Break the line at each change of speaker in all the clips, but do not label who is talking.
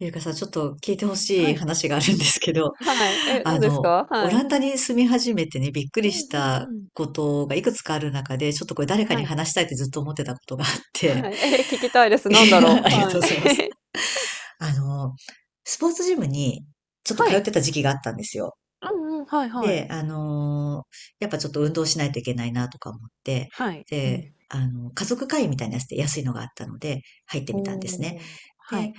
ゆうかさん、ちょっと聞いてほし
は
い
い。
話があるんですけど、
はい。え、
あ
何です
の、
か？
オ
は
ラ
い。
ンダに住み始めてね、びっく
う
り
ん
し
うんう
た
ん。
ことがいくつかある中で、ちょっとこれ誰か
は
に
い。
話したいってずっと思ってたことがあって、
はい。聞きたいで す。
い
なんだ
や
ろ
あ
う？
りが
は
とうございます。
い。
あの、スポーツジムにちょっと
は
通っ
い。
てた時期があったんですよ。
うんうん、はいはい。
で、あのーやっぱちょっと運動しないといけないなとか思って、
はい。う
で、
ん。
あの、家族会員みたいなやつで安いのがあったので、入って
お
みたんですね。
お、は
で、
い。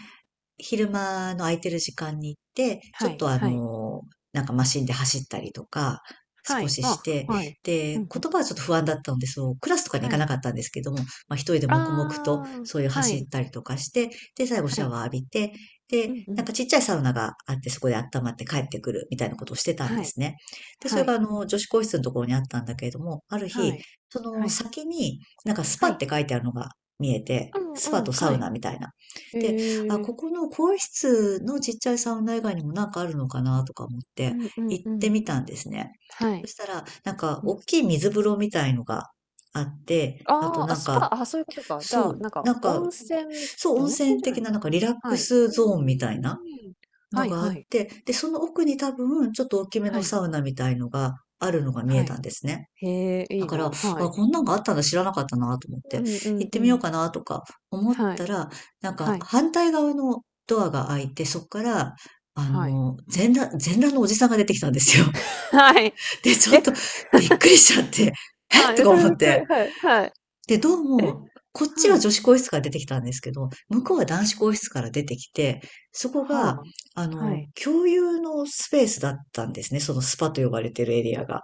昼間の空いてる時間に行って、ち
は
ょっ
い
とあ
はい。
の、なんかマシンで走ったりとか、
は
少
い。
しし
あ、
て、
はい。
で、
う
言
んうん。
葉はちょっと不安だったので、そう、クラスとかに行
は
かな
い。
かったんですけども、まあ一人で
あ
黙々と
あ、
そういう
は
走
い、
ったりとかして、で、最後シ
は
ャ
い。
ワー浴びて、で、
うんう
なん
ん。
かちっちゃいサウナがあって、そこで温まって帰ってくるみたいなことをしてたんで
はい、
すね。で、そ
は
れ
い、
があの、女子更衣室のところにあったんだけれども、ある
は
日、
い、
そ
は
の
い、
先になんかス
は
パっ
い。
て書いてあるのが見えて、
うん
ス
う
パと
ん、
サ
は
ウ
い。
ナみたいな。で、あ、
へえ。
ここの更衣室のちっちゃいサウナ以外にもなんかあるのかなとか思っ
う
て
んうん
行っ
う
て
ん。
みたんですね。
は
そ
い。
したら、なんか
う
大
ん。
きい水風呂みたいのがあって、あと
ああ、あ、
なん
ス
か、
パ、あ、そういうことか。じゃ
そ
あ、
う、
なんか
なんか、そう、温
温泉
泉
じゃな
的
い
ななん
か。
かリラック
はい。
スゾーン
う
みたいな
ーん。
の
はい
があ
は
っ
い。
て、で、その奥に多分ちょっと大きめの
はい。
サウナみたいのがあるのが見え
は
た
い。
んですね。
へえ、い
だ
い
か
な。
ら、あ、
はい。
こんなんがあったんだ知らなかったなと思っ
う
て、
んう
行
ん
っ
う
てみよう
ん。
かなとか思っ
はい。
たら、なんか
はい。
反対側のドアが開いて、そこから、あ
はい。
の、全裸、全裸のおじさんが出てきたんですよ。
はい。
で、ちょっ
え、
とびっくりしちゃって、え
は
と
い、
か
それ
思
び
っ
っくり。
て。
はい、はい。
で、どう
え、
も、こっち
は
は
い。
女子更衣室から出てきたんですけど、向こうは男子更衣室から出てきて、そこ
は
が、
あ。
あ
は
の、
い。
共有のスペースだったんですね。そのスパと呼ばれてるエリアが。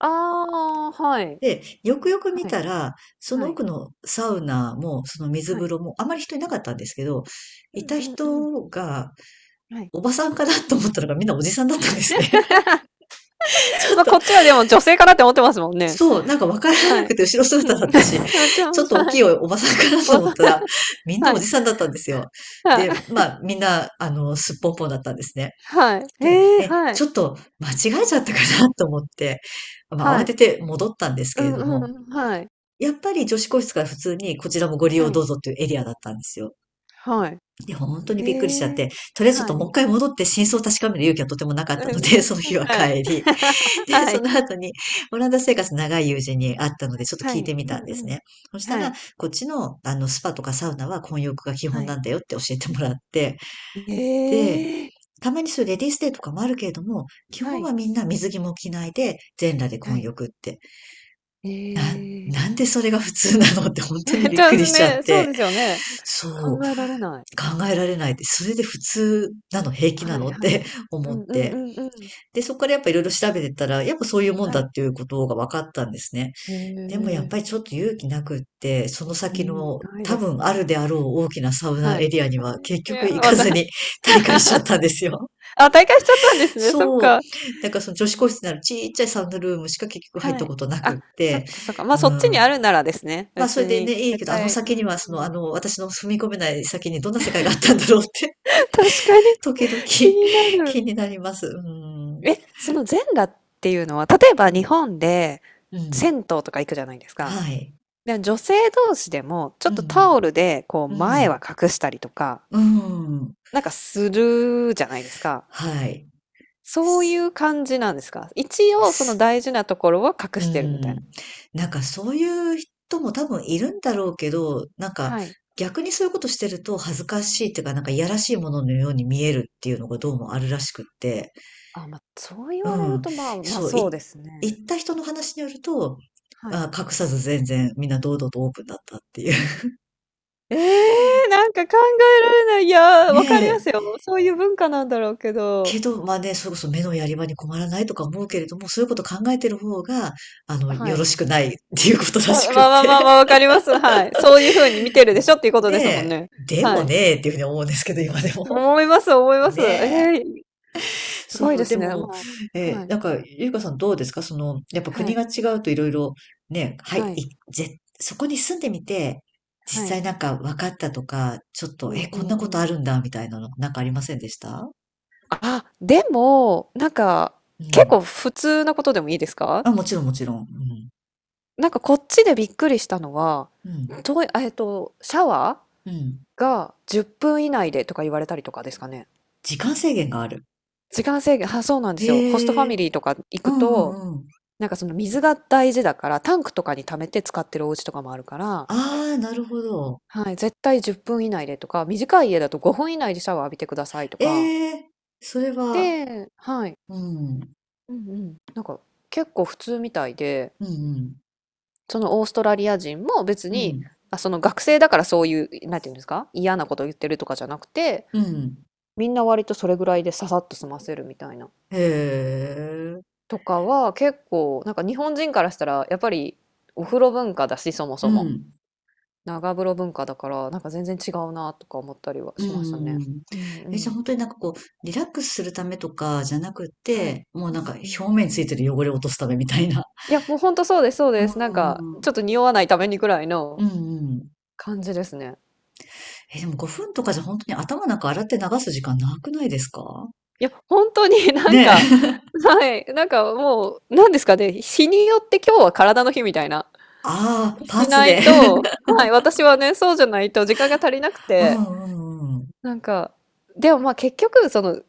ああ、はい。
で、よくよく見
はい。
たら、そ
は
の
い。
奥のサウナも、その水
は
風
い。
呂も、あまり人いなかったんですけど、
う
いた
んうんうん。
人が、
はい。
おばさんかなと思ったのがみんなおじさんだったんですね。ち ょっ
まあ、こ
と、
っちはでも女性かなって思ってますもんね。
そう、なんかわから
は
な
い。
くて後ろ
う
姿だ
ん。
ったし、
は
ちょっと大き
い。
いおばさんかな
ま
と
あ、
思っ
そう、
たら、みんな
は
お
い。
じさんだったんですよ。
はい。
で、まあ、みんな、あの、すっぽんぽんだったんですね。
はい。
で、
ええ、
え、
は
ちょ
い。
っと間違えちゃったかなと思って、まあ、
は
慌
い。
てて戻ったんです
う
けれ
ん
ど
うん
も、
うん、はい。
やっぱり女子更室から普通にこちらもご利用
は
ど
い。
うぞっていうエリアだったんですよ。
はい。
で、本当にびっくりしちゃ
へ
っ
え。
て、とりあえずち
は
ょっと
い。
もう一 回戻って真相を確かめる勇気はとてもな
う
かっ
ん
たので、
う
その
ん、
日は
はい。
帰り。で、
は
そ
い。
の後にオランダ生活長い友人に会ったので、ちょっと
は
聞い
い。
てみ
う
たん
ん
で
う
す
ん。
ね。そした
は
ら、
い。
こっちのあのスパとかサウナは混浴が基本
は
な
い。
んだよって教えてもらって、で、
ええ。
たまにそういうレディースデーとかもあるけれども、基
は
本
い。
はみんな水着も着ないで、全裸で
は
混
い。
浴って。
え
な、
え。
なんでそれが普通なのって本 当にびっ
じゃあ、
くりしちゃっ
そう
て。
ですよね。
そう、
考えられない。
考えられないって、それで普通なの、平気な
はい
のっ
はい。
て
う
思っ
んうんう
て。
んうん。
で、そこからやっぱいろいろ調べてたら、やっぱそういうもん
は
だっ
い。
ていうことが分かったんですね。
へ
でもやっ
え。
ぱりちょっと勇気なくって、その
う
先
ん、
の
ないで
多
す。
分あるであろう大きなサウナ
はい。
エリア に
です
は
ね
結
い
局
や、
行
ま
か
た
ずに 大会しちゃったんですよ。
あ、退会しちゃったんですね、そっ
そう。
か。
だからその女子個室にあるちっちゃいサウナルームしか結局入っ
は
た
い。
ことなくっ
あ、そっ
て、
かそっか。ま、
う
あそっちに
ん。
あるならですね、
まあそ
別
れでね、
に、
いいけ
絶
ど、あの
対う
先に
ん
はそ
う
の、あ
ん。
の、私の踏み込めない先にどんな世界があったんだろうって
確かに、
時々
気にな
気
る。
になります。うん。
え、その全裸っていうのは、例えば
うん、
日本で
うん。
銭湯とか行くじゃないですか。
はい。
で、女性同士でも、ちょ
う
っとタ
ん、
オルでこう
う
前
ん。
は隠したりとか、
うん。
なんかするじゃないですか。
はい。
そうい
す
う感じなんですか？一応
す
その大事なところは隠
う
してるみたいな。
ん。なんかそういう人も多分いるんだろうけど、なんか
はい。
逆にそういうことしてると恥ずかしいっていうか、なんかいやらしいもののように見えるっていうのがどうもあるらしくって。
あ、まあ、そう言
う
われる
ん。
と、まあ、ま、
そう、
そう
い
ですね。
行った人の話によると、
はい。
あ、隠さず全然みんな堂々とオープンだったっていう。
ええ、なんか考えられない。いや、
ね
わかりま
え
すよ。そういう文化なんだろうけ
け
ど。
ど、まあね、それこそ目のやり場に困らないとか思うけれども、そういうこと考えてる方が、あの、
は
よろ
い。
しくないっていうことらし
まあ
くっ
まあまあ
て。
まあ、わかります。はい。そういう風に見てる
う
でしょっていうこ
ん
とですもん
ね
ね。
で
は
も
い。
ねっていうふうに思うんですけど、今でも。
思います、思います。
ねえ。
ええ、すごい
そ
で
う、で
すね。
も、
もうはい。
なんか、ゆうかさんどうですかその、やっぱ
は
国
い。
が違うといろいろ、
はい。
そこに住んでみて、実
はい。
際なんか分かったとか、ちょっ
う
と、え、
んう
こん
ん
な
う
ことあ
ん。
るんだ、みたいなの、なんかありませんでした
あ、でも、なんか、
う
結
ん。
構普通なことでもいいですか？
あ、もちろん、もちろん。うん。
なんかこっちでびっくりしたのは、
うん。
とええっと、シャワ
うん。
ーが10分以内でとか言われたりとかですかね？
時間制限がある。
時間制限、は、そうなんですよ。ホストファ
へえ、
ミリーとか行
う
く
んう
と、
んうん。
なんかその水が大事だから、タンクとかに溜めて使ってるお家とかもあるから、
ああ、なるほど。
はい、絶対10分以内でとか、短い家だと5分以内でシャワー浴びてくださいとか。
ええ、それは、
で、はい。
うん、
うんうん。なんか結構普通みたいで、
うん、
そのオーストラリア人も別
う
に、
ん、
あ、その学生だからそういう、なんていうんですか、嫌なこと言ってるとかじゃなくて、
うん、
みんな割とそれぐらいでささっと済ませるみたいな。
へえ、
とかは結構なんか日本人からしたらやっぱりお風呂文化だしそも
う
そも
ん、
長風呂文化だからなんか全然違うなとか思ったりは
う
しましたね。
ん。
うんう
え、じゃあ
ん
本当になんかこう、リラックスするためとかじゃなく
はい。
て、もう
うん
なんか
う
表
ん。
面についてる汚れを落とすためみたいな。
いや、もうほんとそうですそう
う
です。なんか
ん、うん、
ちょっと匂わないためにくらい
う
の
ん。
感じですね。
え、でも5分とかじゃ本当に頭なんか洗って流す時間なくないですか？
いや、本当に なん
ね
か
え。
はい、なんかもうなんですかね、日によって今日は体の日みたいな、
ああ、パー
し
ツ
ない
で。
とはい、私はね、そうじゃないと時間が足りなく
う
て、
んうんうん。
なんか、でもまあ結局その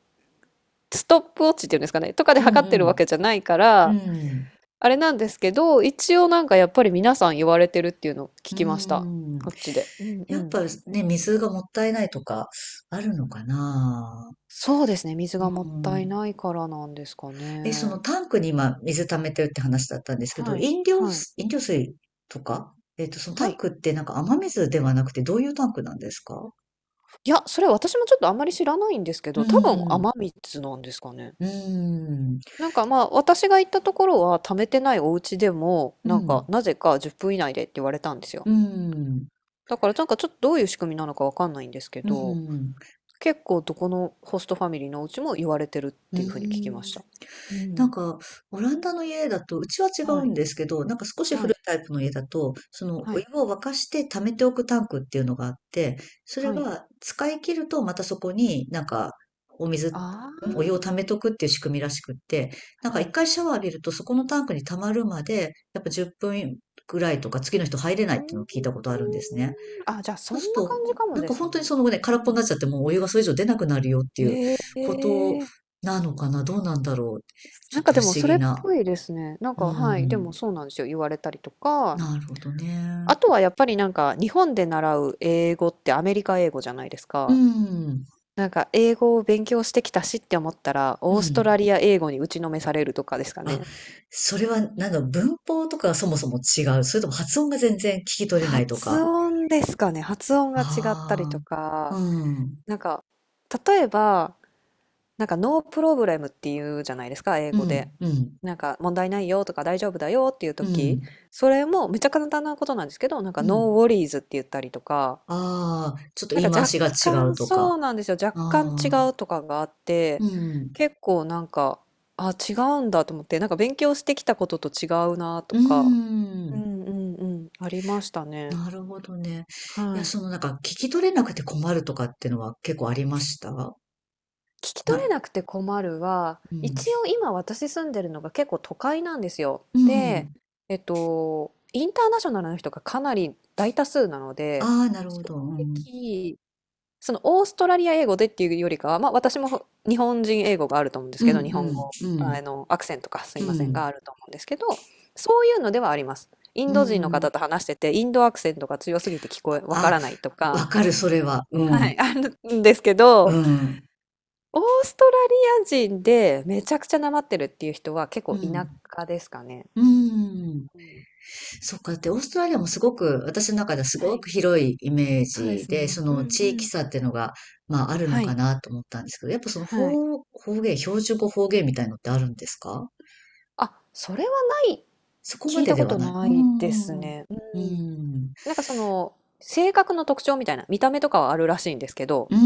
ストップウォッチっていうんですかね、とかで
うん
測ってるわ
う
けじゃないか
ん。う
ら、
ん。
あれなんですけど、一応なんかやっぱり皆さん言われてるっていうのを
う
聞きました。
ん。
こっちで。うんう
やっ
ん。
ぱね、水がもったいないとかあるのかな。
そうですね、水
う
がもったい
ん。
ないからなんですか
え、その
ね。
タンクに今水溜めてるって話だったんですけど、
はい、
飲料
はい、
水、飲料水とかえっと、その
は
タン
い。
クってなんか雨水ではなくてどういうタンクなんですか？
いや、それ私もちょっとあんまり知らないんですけ
う
ど、多分
ん。
雨水なんですかね。
うん。
なんかまあ私が行ったところは貯めてないお家でも
う
なんか
ん。
なぜか10分以内でって言われたんですよ。
うん。
だからなんかちょっとどういう仕組みなのかわかんないんですけ
う
ど、
ん。
結構どこのホストファミリーのお家も言われてるっ
う
ていうふうに聞きま
ん。
した。う
な
ん。
んか、オランダの家だと、うちは違う
は
ん
い、
ですけど、なんか少し古
は
い
い、
タイプの家だと、その
は
お湯
い、
を沸かして溜めておくタンクっていうのがあって、それ
はい。
が使い切るとまたそこになんかお水、んお湯を溜
あ
めとくっていう仕組みらしくって、な
あ、
んか
は
一
い。
回シャワー浴びるとそこのタンクに溜まるまで、やっぱ10分ぐらいとか次の人入れないっ
うー
ていう
ん、
のを聞いたことあるんですね。
あ、じゃあそ
そうする
んな感
と、
じかも
なん
で
か
す
本当に
ね。
その
う
ね、空っ
んう
ぽに
ん。
なっちゃってもうお湯がそれ以上出なくなるよっていう
え
こと
え、
なのかなどうなんだろう、ち
な
ょ
ん
っ
か
と
で
不
も
思
そ
議
れっ
な。
ぽいですね。なん
う
か、はい、でも
ん。
そうなんですよ、言われたりとか、
なるほどね。
あとはやっぱりなんか日本で習う英語ってアメリカ英語じゃないです
う
か。
ん。
なんか英語を勉強してきたしって思ったら、
う
オーストラ
ん。
リア英語に打ちのめされるとかですか
あ、
ね。
それはなんか文法とかがそもそも違う。それとも発音が全然聞き取れないと
発
か。
音ですかね。発音が違ったり
あ
と
あ、う
か、
ん。
なんか、例えば、なんか、ノープロブレムっていうじゃないですか、英
う
語
ん、
で。
うん、
なんか、問題ないよとか、大丈夫だよっていう
う
時、
ん、
それもめちゃ簡単なことなんですけど、なんか、
う
ノー
ん。
ウォリーズって言ったりとか、
ああ、ちょっと
な
言い
んか、
回
若
しが違う
干
とか。
そうなんですよ。
あ
若干違
あ、
うとかがあっ
う
て、
ん、
結構なんか、あ、違うんだと思って、なんか、勉強してきたことと違うなと
う
か、う
ん。
んうんうん、ありましたね。
なるほどね。いや、
はい。
そのなんか聞き取れなくて困るとかってのは結構ありましたな、
聞き取れなくて困るは、
うん。
一応今私住んでるのが結構都会なんですよ。
う
で、
ん。
インターナショナルの人がかなり大多数なので、
ああ、なるほど。うん。
きそのオーストラリア英語でっていうよりかは、まあ私も日本人英語があると思うんです
う
けど、日
ん、
本語、
う
あ
ん、
の、アクセントかすい
う
ませんが
ん、
あると思うんですけど、そういうのではあります。イン
う
ド
ん、
人の
うん。
方と話してて、インドアクセントが強すぎて聞こえ、わか
あ、
らないと
わ
か、
かる、それは。う
は
ん、
い、あるんですけ
う
ど、
ん、
オーストラリア人でめちゃくちゃなまってるっていう人は結
う
構田
ん、
舎ですかね。
うん。
うん。
そっか、で、オーストラリアもすごく、私の中ではす
は
ご
い。
く広いイメー
そうで
ジ
す
で、
ね。
そ
う
の
んう
地域
ん。
差っていうのが、まあ、あるの
は
か
い。
なと思ったんですけど、やっぱ
はい。
方言、標準語方言みたいのってあるんですか？
あ、それはない、
そこま
聞い
で
た
で
こ
は
と
ない。う
な
ー
いです
ん。う
ね。うん。
ーん。
なんかその、性格の特徴みたいな、見た目とかはあるらしいんですけど、
うー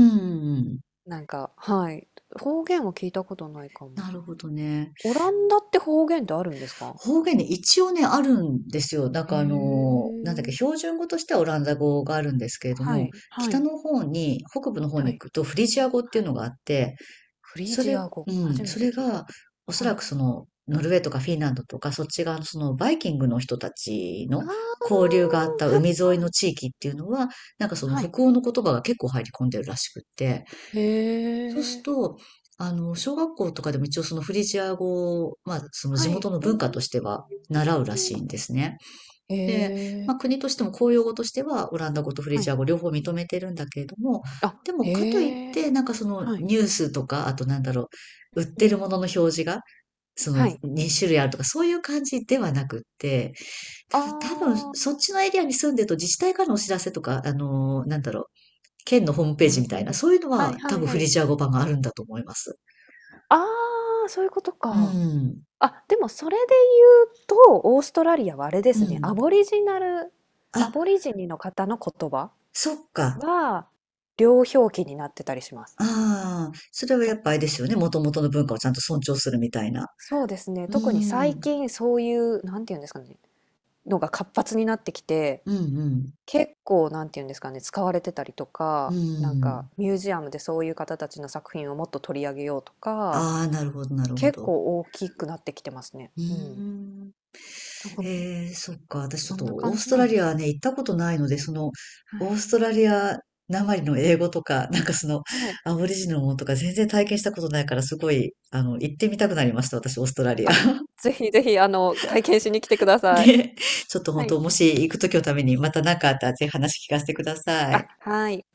ん。
なんか、はい。方言は聞いたことないかも。
なるほどね。
オランダって方言ってあるんですか？
方言ね、一応ね、あるんですよ。なん
へ
かあの、なんだっけ、
え。
標準語としてはオランダ語があるんですけれど
は
も、
い、は
北
い、
の方に、北部の方
は
に
い、
行くとフリジア語って
は
いうの
い。
があって、
フリー
そ
ジ
れ
ア語、
うん、
初め
そ
て
れ
聞い
が、
た。
おそ
は
ら
い。
くその、ノルウェーとかフィンランドとか、そっち側のそのバイキングの人たち
あ
の交流があった
あ、は
海
い
沿い
は
の
い。
地域っていうのは、なんかその
はい。
北欧の言葉が結構入り込んでるらしくって。
へ
そうする
え。
と、あの、小学校とかでも一応そのフリジア語を、まあ、その地
はい。
元の
う
文化としては
ー
習うらしいん
ん。
ですね。
へ
で、
え。
まあ、国としても公用語としてはオランダ語とフリ
は
ジア
い。
語両方認めてるんだけれども、
あ、
でもかといっ
へ
て、
え。
なんかその
はい。
ニュースとか、あとなんだろう、売っ
う
て
ん。
るものの表示が、その
はい。
二種類あるとか、そういう感じではなくって、ただ多分、
あ
そっ
あ。
ちのエリアに住んでると自治体からのお知らせとか、あの、なんだろう、県のホームペー
な
ジ
る
みた
ほ
いな、
ど。
そういうの
はい
は多
はい
分
は
フ
い。
リジア語版があるんだと思います。
ああ、そういうこと
う
か。
ん。
あ、でもそれで言うと、オーストラリアはあれで
う
すね、
ん。
ア
あ、
ボリジニの方の言葉
そっか。
は、両表記になってたりします。
ああ、それは
と
やっぱあ
か
れですよね。もともとの文化をちゃんと尊重するみたいな。
そうですね、
う
特に最
ん。
近そういう、なんていうんですかね、のが活発になってきて、
うんうん。
結構なんていうんですかね、使われてたりと
う
か、なんか
ん。
ミュージアムでそういう方たちの作品をもっと取り上げようとか、
ああ、なるほど、なるほ
結
ど。
構大きくなってきてますね。
うー
うん。
ん。
なんか、
ええ、そっか。私ちょっ
そん
と
な
オー
感
ス
じ
ト
なん
ラ
で
リア
す
はね、
ね。
行ったことないので、その、
は
オ
い。
ーストラリアなまりの英語とか、なんかその、
はい。
アボリジナルのものとか全然体験したことないから、すごい、あの、行ってみたくなりました。私、オーストラリア。
あ、ぜひぜひ、あの、体験しに来てくだ
で、
さい。
ちょっと
は
本
い。
当、もし行くときのためにまた何かあったらぜひ話聞かせてくださ
あ、
い。
はい。